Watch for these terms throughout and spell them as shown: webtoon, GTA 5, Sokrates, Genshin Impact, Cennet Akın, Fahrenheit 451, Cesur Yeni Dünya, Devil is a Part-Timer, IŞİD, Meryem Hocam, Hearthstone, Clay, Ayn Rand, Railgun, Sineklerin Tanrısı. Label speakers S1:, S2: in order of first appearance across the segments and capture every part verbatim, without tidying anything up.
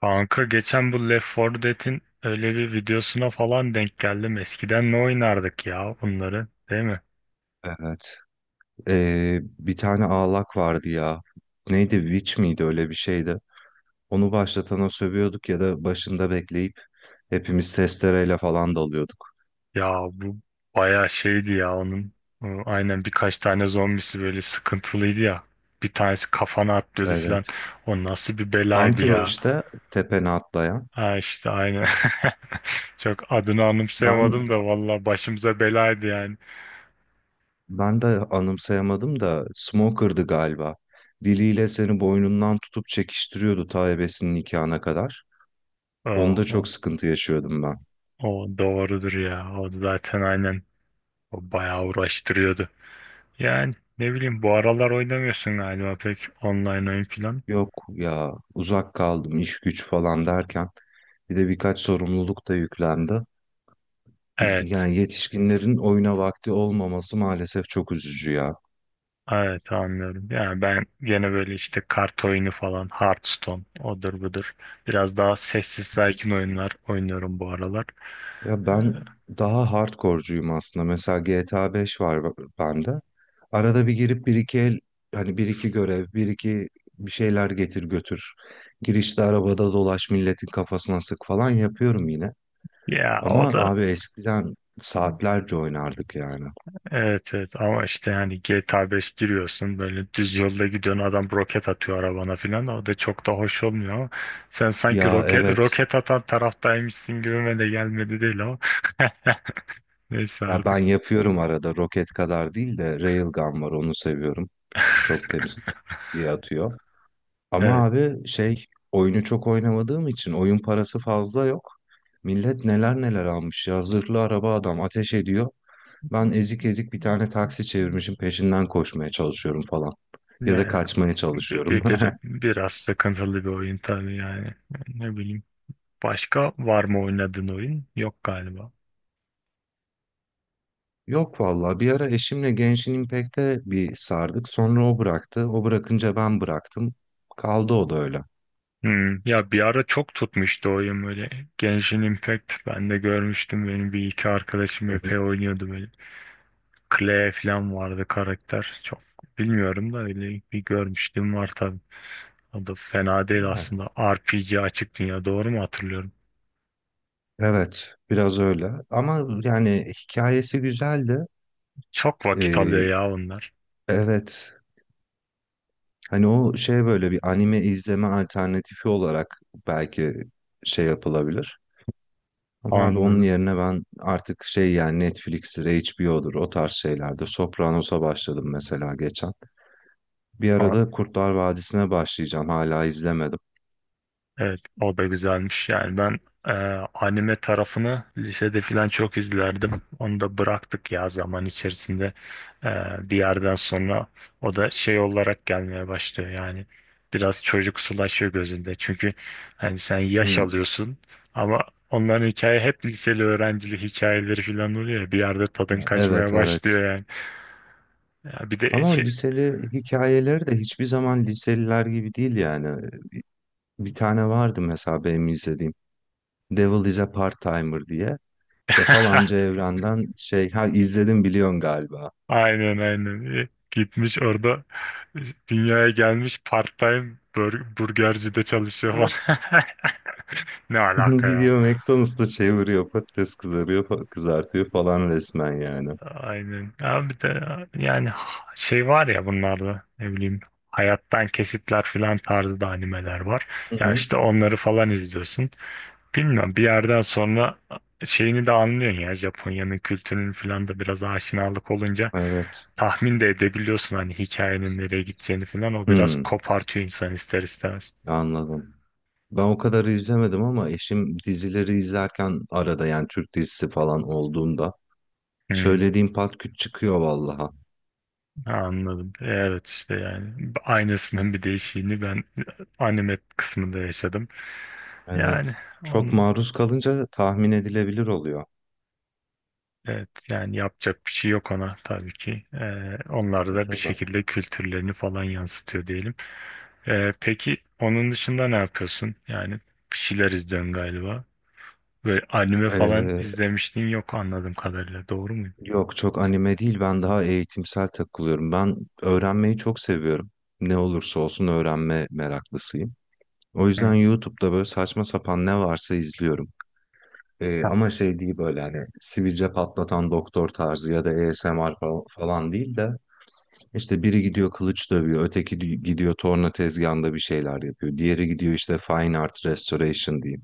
S1: Kanka geçen bu Left four Dead'in öyle bir videosuna falan denk geldim. Eskiden ne oynardık ya bunları, değil mi?
S2: Evet. Ee, bir tane ağlak vardı ya. Neydi? Witch miydi? Öyle bir şeydi. Onu başlatana sövüyorduk ya da başında bekleyip hepimiz testereyle falan dalıyorduk.
S1: Ya bu bayağı şeydi ya onun. Ee, Aynen birkaç tane zombisi böyle sıkıntılıydı ya. Bir tanesi kafana atlıyordu falan.
S2: Evet.
S1: O nasıl bir belaydı
S2: Hunter o
S1: ya.
S2: işte tepene atlayan.
S1: Ha işte aynen. Çok adını
S2: Ben
S1: anımsayamadım da valla başımıza belaydı yani.
S2: ben de anımsayamadım da Smoker'dı galiba. Diliyle seni boynundan tutup çekiştiriyordu ta ebesinin nikahına kadar.
S1: Oh,
S2: Onda
S1: o
S2: çok sıkıntı yaşıyordum ben.
S1: o doğrudur ya. O zaten aynen. O bayağı uğraştırıyordu. Yani ne bileyim bu aralar oynamıyorsun galiba pek online oyun filan.
S2: Yok ya, uzak kaldım iş güç falan derken bir de birkaç sorumluluk da yüklendi.
S1: Evet.
S2: Yani yetişkinlerin oyuna vakti olmaması maalesef çok üzücü ya.
S1: Evet anlıyorum. Yani ben gene böyle işte kart oyunu falan, Hearthstone, odur budur. Biraz daha sessiz sakin oyunlar oynuyorum bu aralar.
S2: Ya
S1: Ee,
S2: ben daha hardcore'cuyum aslında. Mesela G T A beş var b- bende. Arada bir girip bir iki el, hani bir iki görev, bir iki bir şeyler getir götür. Girişte arabada dolaş, milletin kafasına sık falan yapıyorum yine.
S1: Ya o
S2: Ama
S1: da
S2: abi eskiden saatlerce oynardık yani.
S1: evet evet ama işte hani G T A beş giriyorsun böyle düz yolda gidiyorsun adam roket atıyor arabana filan o da çok da hoş olmuyor ama sen sanki
S2: Ya,
S1: roket
S2: evet.
S1: roket atan taraftaymışsın gibime de gelmedi değil ama neyse
S2: Ya
S1: artık.
S2: ben yapıyorum arada, roket kadar değil de Railgun var, onu seviyorum. Çok temiz diye atıyor. Ama
S1: Evet.
S2: abi şey, oyunu çok oynamadığım için oyun parası fazla yok. Millet neler neler almış ya, zırhlı araba adam ateş ediyor. Ben ezik ezik bir tane taksi çevirmişim peşinden koşmaya çalışıyorum falan. Ya da
S1: Yani
S2: kaçmaya
S1: bir,
S2: çalışıyorum.
S1: bir- bir- biraz sıkıntılı bir oyun tabii yani. Ne bileyim. Başka var mı oynadığın oyun? Yok galiba.
S2: Yok valla, bir ara eşimle Genshin Impact'e bir sardık. Sonra o bıraktı. O bırakınca ben bıraktım. Kaldı o da öyle.
S1: Hmm. Ya bir ara çok tutmuştu oyun böyle. Genshin Impact ben de görmüştüm. Benim bir iki arkadaşım
S2: Hı hı.
S1: epey oynuyordu böyle. Clay falan vardı karakter. Çok bilmiyorum da öyle bir görmüştüm var tabii. O da fena değil
S2: Ha,
S1: aslında. R P G açık dünya doğru mu hatırlıyorum?
S2: evet biraz öyle. Ama yani hikayesi güzeldi.
S1: Çok vakit alıyor
S2: Ee,
S1: ya onlar.
S2: evet. Hani o şey, böyle bir anime izleme alternatifi olarak belki şey yapılabilir. Ama abi onun
S1: Anladım.
S2: yerine ben artık şey, yani Netflix'tir, H B O'dur o tarz şeylerde. Sopranos'a başladım mesela geçen. Bir arada Kurtlar Vadisi'ne başlayacağım. Hala izlemedim.
S1: Evet, o da güzelmiş. Yani ben e, anime tarafını lisede falan çok izlerdim. Onu da bıraktık ya zaman içerisinde. E, Bir yerden sonra o da şey olarak gelmeye başlıyor. Yani biraz çocuksulaşıyor gözünde. Çünkü hani sen yaş
S2: Hmm.
S1: alıyorsun ama onların hikaye hep liseli öğrencilik hikayeleri falan oluyor ya. Bir yerde tadın
S2: Ya,
S1: kaçmaya
S2: evet, evet.
S1: başlıyor yani. Ya bir de
S2: Ama o
S1: şey
S2: liseli hikayeleri de hiçbir zaman liseliler gibi değil yani. Bir tane vardı mesela benim izlediğim. Devil is a Part-Timer diye. İşte falanca evrenden şey, ha izledim biliyorsun galiba.
S1: aynen aynen. E, Gitmiş orada e, dünyaya gelmiş part-time bur- burgercide çalışıyor
S2: Evet.
S1: falan. Ne alaka ya?
S2: Gidiyor McDonald's'ta çeviriyor, patates kızarıyor, fa- kızartıyor falan resmen yani.
S1: Aynen. Abi de yani şey var ya bunlarda ne bileyim hayattan kesitler filan tarzda animeler var.
S2: Hı
S1: Ya
S2: hı.
S1: işte onları falan izliyorsun. Bilmiyorum bir yerden sonra şeyini de anlıyorsun ya Japonya'nın kültürünün falan da biraz aşinalık olunca
S2: Evet.
S1: tahmin de edebiliyorsun hani hikayenin nereye gideceğini falan o biraz
S2: Hmm,
S1: kopartıyor insan ister istemez.
S2: anladım. Ben o kadar izlemedim ama eşim dizileri izlerken arada, yani Türk dizisi falan olduğunda
S1: Hmm,
S2: söylediğim pat küt çıkıyor vallaha.
S1: anladım. Evet işte yani aynısının bir değişiğini ben anime kısmında yaşadım.
S2: Evet.
S1: Yani
S2: Çok
S1: on
S2: maruz kalınca tahmin edilebilir oluyor.
S1: evet yani yapacak bir şey yok ona tabii ki. Ee, onlar
S2: E
S1: da bir
S2: tabii.
S1: şekilde kültürlerini falan yansıtıyor diyelim. Ee, peki onun dışında ne yapıyorsun? Yani bir şeyler izliyorsun galiba. Böyle anime falan
S2: Ee,
S1: izlemiştin yok anladığım kadarıyla. Doğru muyum?
S2: Yok, çok anime değil, ben daha eğitimsel takılıyorum. Ben öğrenmeyi çok seviyorum. Ne olursa olsun öğrenme meraklısıyım. O
S1: Hı.
S2: yüzden YouTube'da böyle saçma sapan ne varsa izliyorum. Ee,
S1: Ha.
S2: ama şey değil, böyle hani sivilce patlatan doktor tarzı ya da A S M R fa- falan değil de, işte biri gidiyor kılıç dövüyor, öteki di- gidiyor torna tezgahında bir şeyler yapıyor. Diğeri gidiyor işte fine art restoration diyeyim.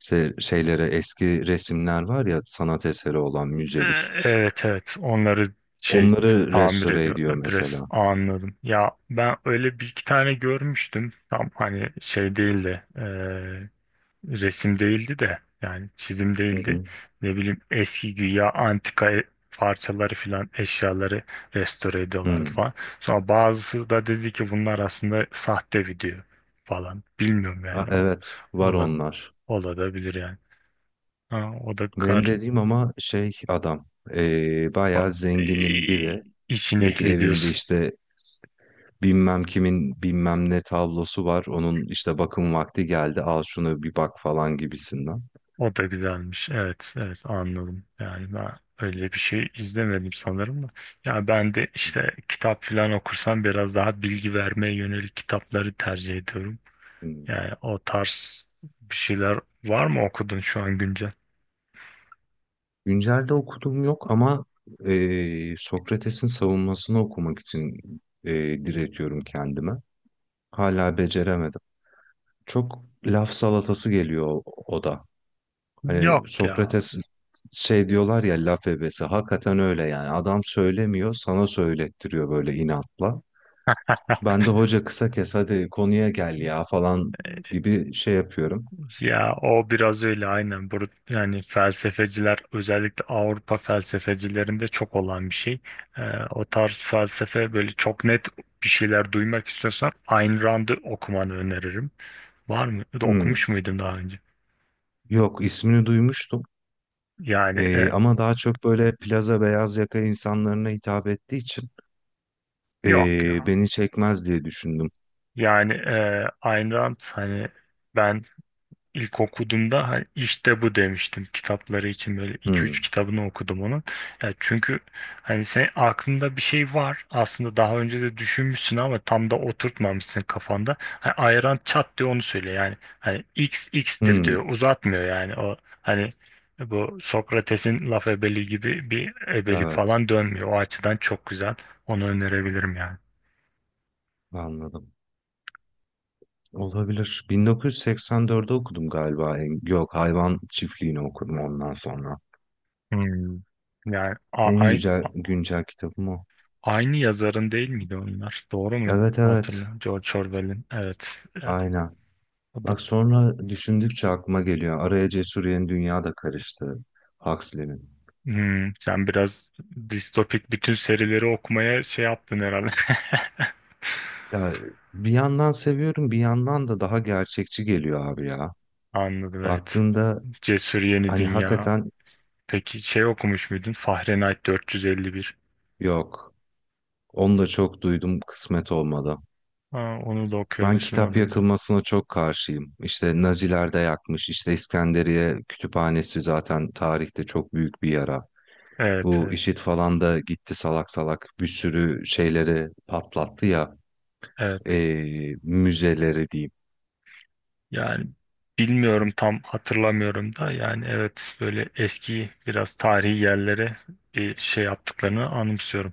S2: İşte şeylere, eski resimler var ya sanat eseri olan,
S1: Ee,
S2: müzelik.
S1: Evet evet onları şey t-
S2: Onları
S1: tamir
S2: restore
S1: ediyor
S2: ediyor
S1: adres
S2: mesela.
S1: anladım. Ya ben öyle bir iki tane görmüştüm. Tam hani şey değildi. Resim değildi de yani çizim
S2: Hı
S1: değildi.
S2: hı.
S1: Ne bileyim eski güya antika e- parçaları filan eşyaları restore ediyorlardı
S2: Hı.
S1: falan. Sonra bazısı da dedi ki bunlar aslında sahte video falan. Bilmiyorum
S2: A-
S1: yani o
S2: evet, var
S1: ola,
S2: onlar.
S1: olabilir yani. Ha, o da
S2: Benim
S1: kar
S2: dediğim ama şey, adam eee
S1: ba-
S2: bayağı zenginin
S1: e,
S2: biri.
S1: işin
S2: Diyor ki
S1: ehli
S2: evimde
S1: diyorsun.
S2: işte bilmem kimin bilmem ne tablosu var. Onun işte bakım vakti geldi. Al şunu bir bak falan gibisinden.
S1: O da güzelmiş. Evet, evet anladım. Yani ben öyle bir şey izlemedim sanırım da. Ya ben de işte kitap falan okursam biraz daha bilgi vermeye yönelik kitapları tercih ediyorum.
S2: Hmm.
S1: Yani o tarz bir şeyler var mı okudun şu an güncel?
S2: Güncelde okuduğum yok ama eee, Sokrates'in savunmasını okumak için eee, diretiyorum kendime. Hala beceremedim. Çok laf salatası geliyor o, o da. Hani
S1: Yok ya.
S2: Sokrates şey diyorlar ya, laf ebesi. Hakikaten öyle yani. Adam söylemiyor, sana söylettiriyor böyle inatla. Ben de hoca kısa kes hadi konuya gel ya falan gibi şey yapıyorum.
S1: Ya o biraz öyle aynen. Bur yani felsefeciler özellikle Avrupa felsefecilerinde çok olan bir şey. Ee, O tarz felsefe böyle çok net bir şeyler duymak istiyorsan Ayn Rand'ı okumanı öneririm. Var mı? Ya
S2: Hmm.
S1: okumuş muydun daha önce?
S2: Yok, ismini duymuştum.
S1: Yani e,
S2: Ee, ama daha çok böyle plaza beyaz yaka insanlarına hitap ettiği için
S1: yok
S2: ee,
S1: ya.
S2: beni çekmez diye düşündüm.
S1: Yani e, Ayn Rand hani ben İlk okuduğumda "Ha, işte bu" demiştim kitapları için böyle iki üç
S2: Hmm.
S1: kitabını okudum onun. Ya çünkü hani sen aklında bir şey var aslında daha önce de düşünmüşsün ama tam da oturtmamışsın kafanda. Hani ayran çat diyor onu söylüyor yani hani x x'tir diyor
S2: Hmm.
S1: uzatmıyor yani o hani bu Sokrates'in laf ebeliği gibi bir ebelik
S2: Evet.
S1: falan dönmüyor. O açıdan çok güzel onu önerebilirim yani.
S2: Anladım. Olabilir. bin dokuz yüz seksen dördüncüde okudum galiba. en- Yok, hayvan çiftliğini okudum ondan sonra.
S1: Hmm. Yani a-
S2: En
S1: ay-
S2: güzel güncel kitabım o.
S1: Aynı yazarın değil miydi onlar? Doğru mu
S2: Evet, evet.
S1: hatırlıyorum? George Orwell'in. Evet. E,
S2: Aynen.
S1: O da...
S2: Bak sonra düşündükçe aklıma geliyor. Araya Cesur Yeni Dünya da karıştı. Huxley'nin.
S1: Hmm, sen biraz distopik bütün serileri okumaya şey yaptın herhalde.
S2: Ya bir yandan seviyorum, bir yandan da daha gerçekçi geliyor abi ya.
S1: Anladım evet.
S2: Baktığında
S1: Cesur Yeni
S2: hani
S1: Dünya.
S2: hakikaten
S1: Peki şey okumuş muydun? Fahrenheit dört yüz elli bir.
S2: yok. Onu da çok duydum, kısmet olmadı.
S1: Ha, onu da
S2: Ben
S1: okuyabilirsin o
S2: kitap
S1: da güzel.
S2: yakılmasına çok karşıyım. İşte Naziler de yakmış. İşte İskenderiye kütüphanesi zaten tarihte çok büyük bir yara.
S1: Evet
S2: Bu
S1: evet.
S2: IŞİD falan da gitti salak salak bir sürü şeyleri patlattı ya,
S1: Evet.
S2: eee, müzeleri diyeyim.
S1: Yani bilmiyorum tam hatırlamıyorum da yani evet böyle eski biraz tarihi yerlere bir şey yaptıklarını anımsıyorum.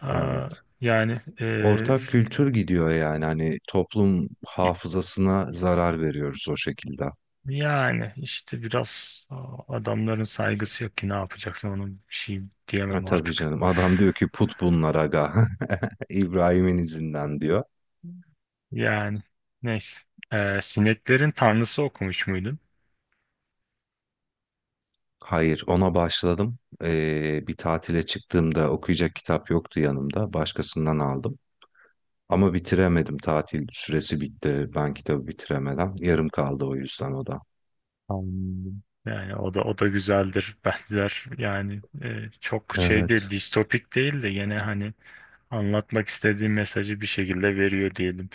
S1: Aa,
S2: Evet.
S1: yani e,
S2: Ortak kültür gidiyor yani, hani toplum hafızasına zarar veriyoruz o şekilde.
S1: yani işte biraz aa, adamların saygısı yok ki ne yapacaksın onun bir şey
S2: Ha,
S1: diyemem
S2: tabii
S1: artık.
S2: canım, adam diyor ki put bunlar aga. İbrahim'in izinden diyor.
S1: Yani neyse. Ee, Sineklerin tanrısı okumuş muydun?
S2: Hayır, ona başladım. Ee, bir tatile çıktığımda okuyacak kitap yoktu yanımda. Başkasından aldım. Ama bitiremedim. Tatil süresi bitti. Ben kitabı bitiremeden. Yarım kaldı o yüzden o da.
S1: Anladım. Yani o da o da güzeldir benzer yani e, çok şey değil
S2: Evet.
S1: distopik değil de gene hani anlatmak istediği mesajı bir şekilde veriyor diyelim.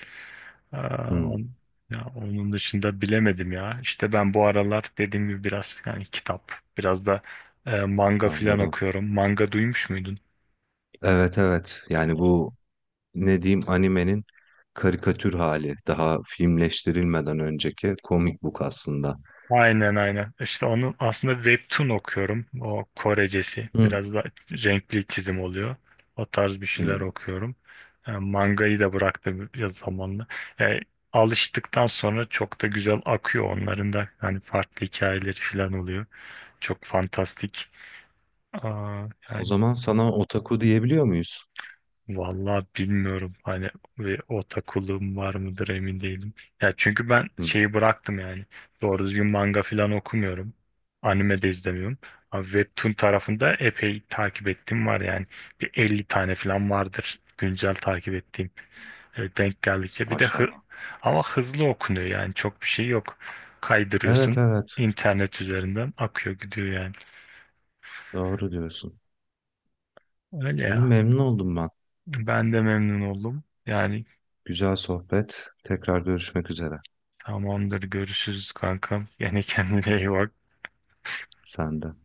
S1: Aa,
S2: Hmm,
S1: on- ya onun dışında bilemedim ya. İşte ben bu aralar dediğim gibi biraz yani kitap, biraz da e, manga filan
S2: anladım.
S1: okuyorum. Manga duymuş muydun?
S2: Evet, evet. Yani bu, ne diyeyim, animenin karikatür hali. Daha filmleştirilmeden önceki comic book aslında.
S1: Aynen aynen. İşte onu aslında webtoon okuyorum. O Korecesi.
S2: Hmm,
S1: Biraz da renkli çizim oluyor. O tarz bir şeyler
S2: hmm.
S1: okuyorum. E, mangayı da bıraktım biraz zamanla. E, Alıştıktan sonra çok da güzel akıyor onların da. Hani farklı hikayeleri falan oluyor. Çok fantastik. Aa,
S2: O
S1: yani
S2: zaman sana otaku diyebiliyor muyuz?
S1: Vallahi bilmiyorum hani ve o takılığım var mıdır emin değilim. Ya çünkü ben
S2: Hmm,
S1: şeyi bıraktım yani. Doğru düzgün manga falan okumuyorum. Anime de izlemiyorum. Ama Webtoon tarafında epey takip ettiğim var yani. Bir elli tane falan vardır güncel takip ettiğim. E, denk geldikçe. Bir de hı
S2: maşallah.
S1: ama hızlı okunuyor yani çok bir şey yok.
S2: Evet,
S1: Kaydırıyorsun
S2: evet.
S1: internet üzerinden akıyor gidiyor yani.
S2: Doğru diyorsun.
S1: Öyle
S2: İyi,
S1: ya.
S2: memnun oldum ben.
S1: Ben de memnun oldum. Yani
S2: Güzel sohbet. Tekrar görüşmek üzere.
S1: Tamamdır. Görüşürüz kankam. Yani kendine iyi bak.
S2: Sen de.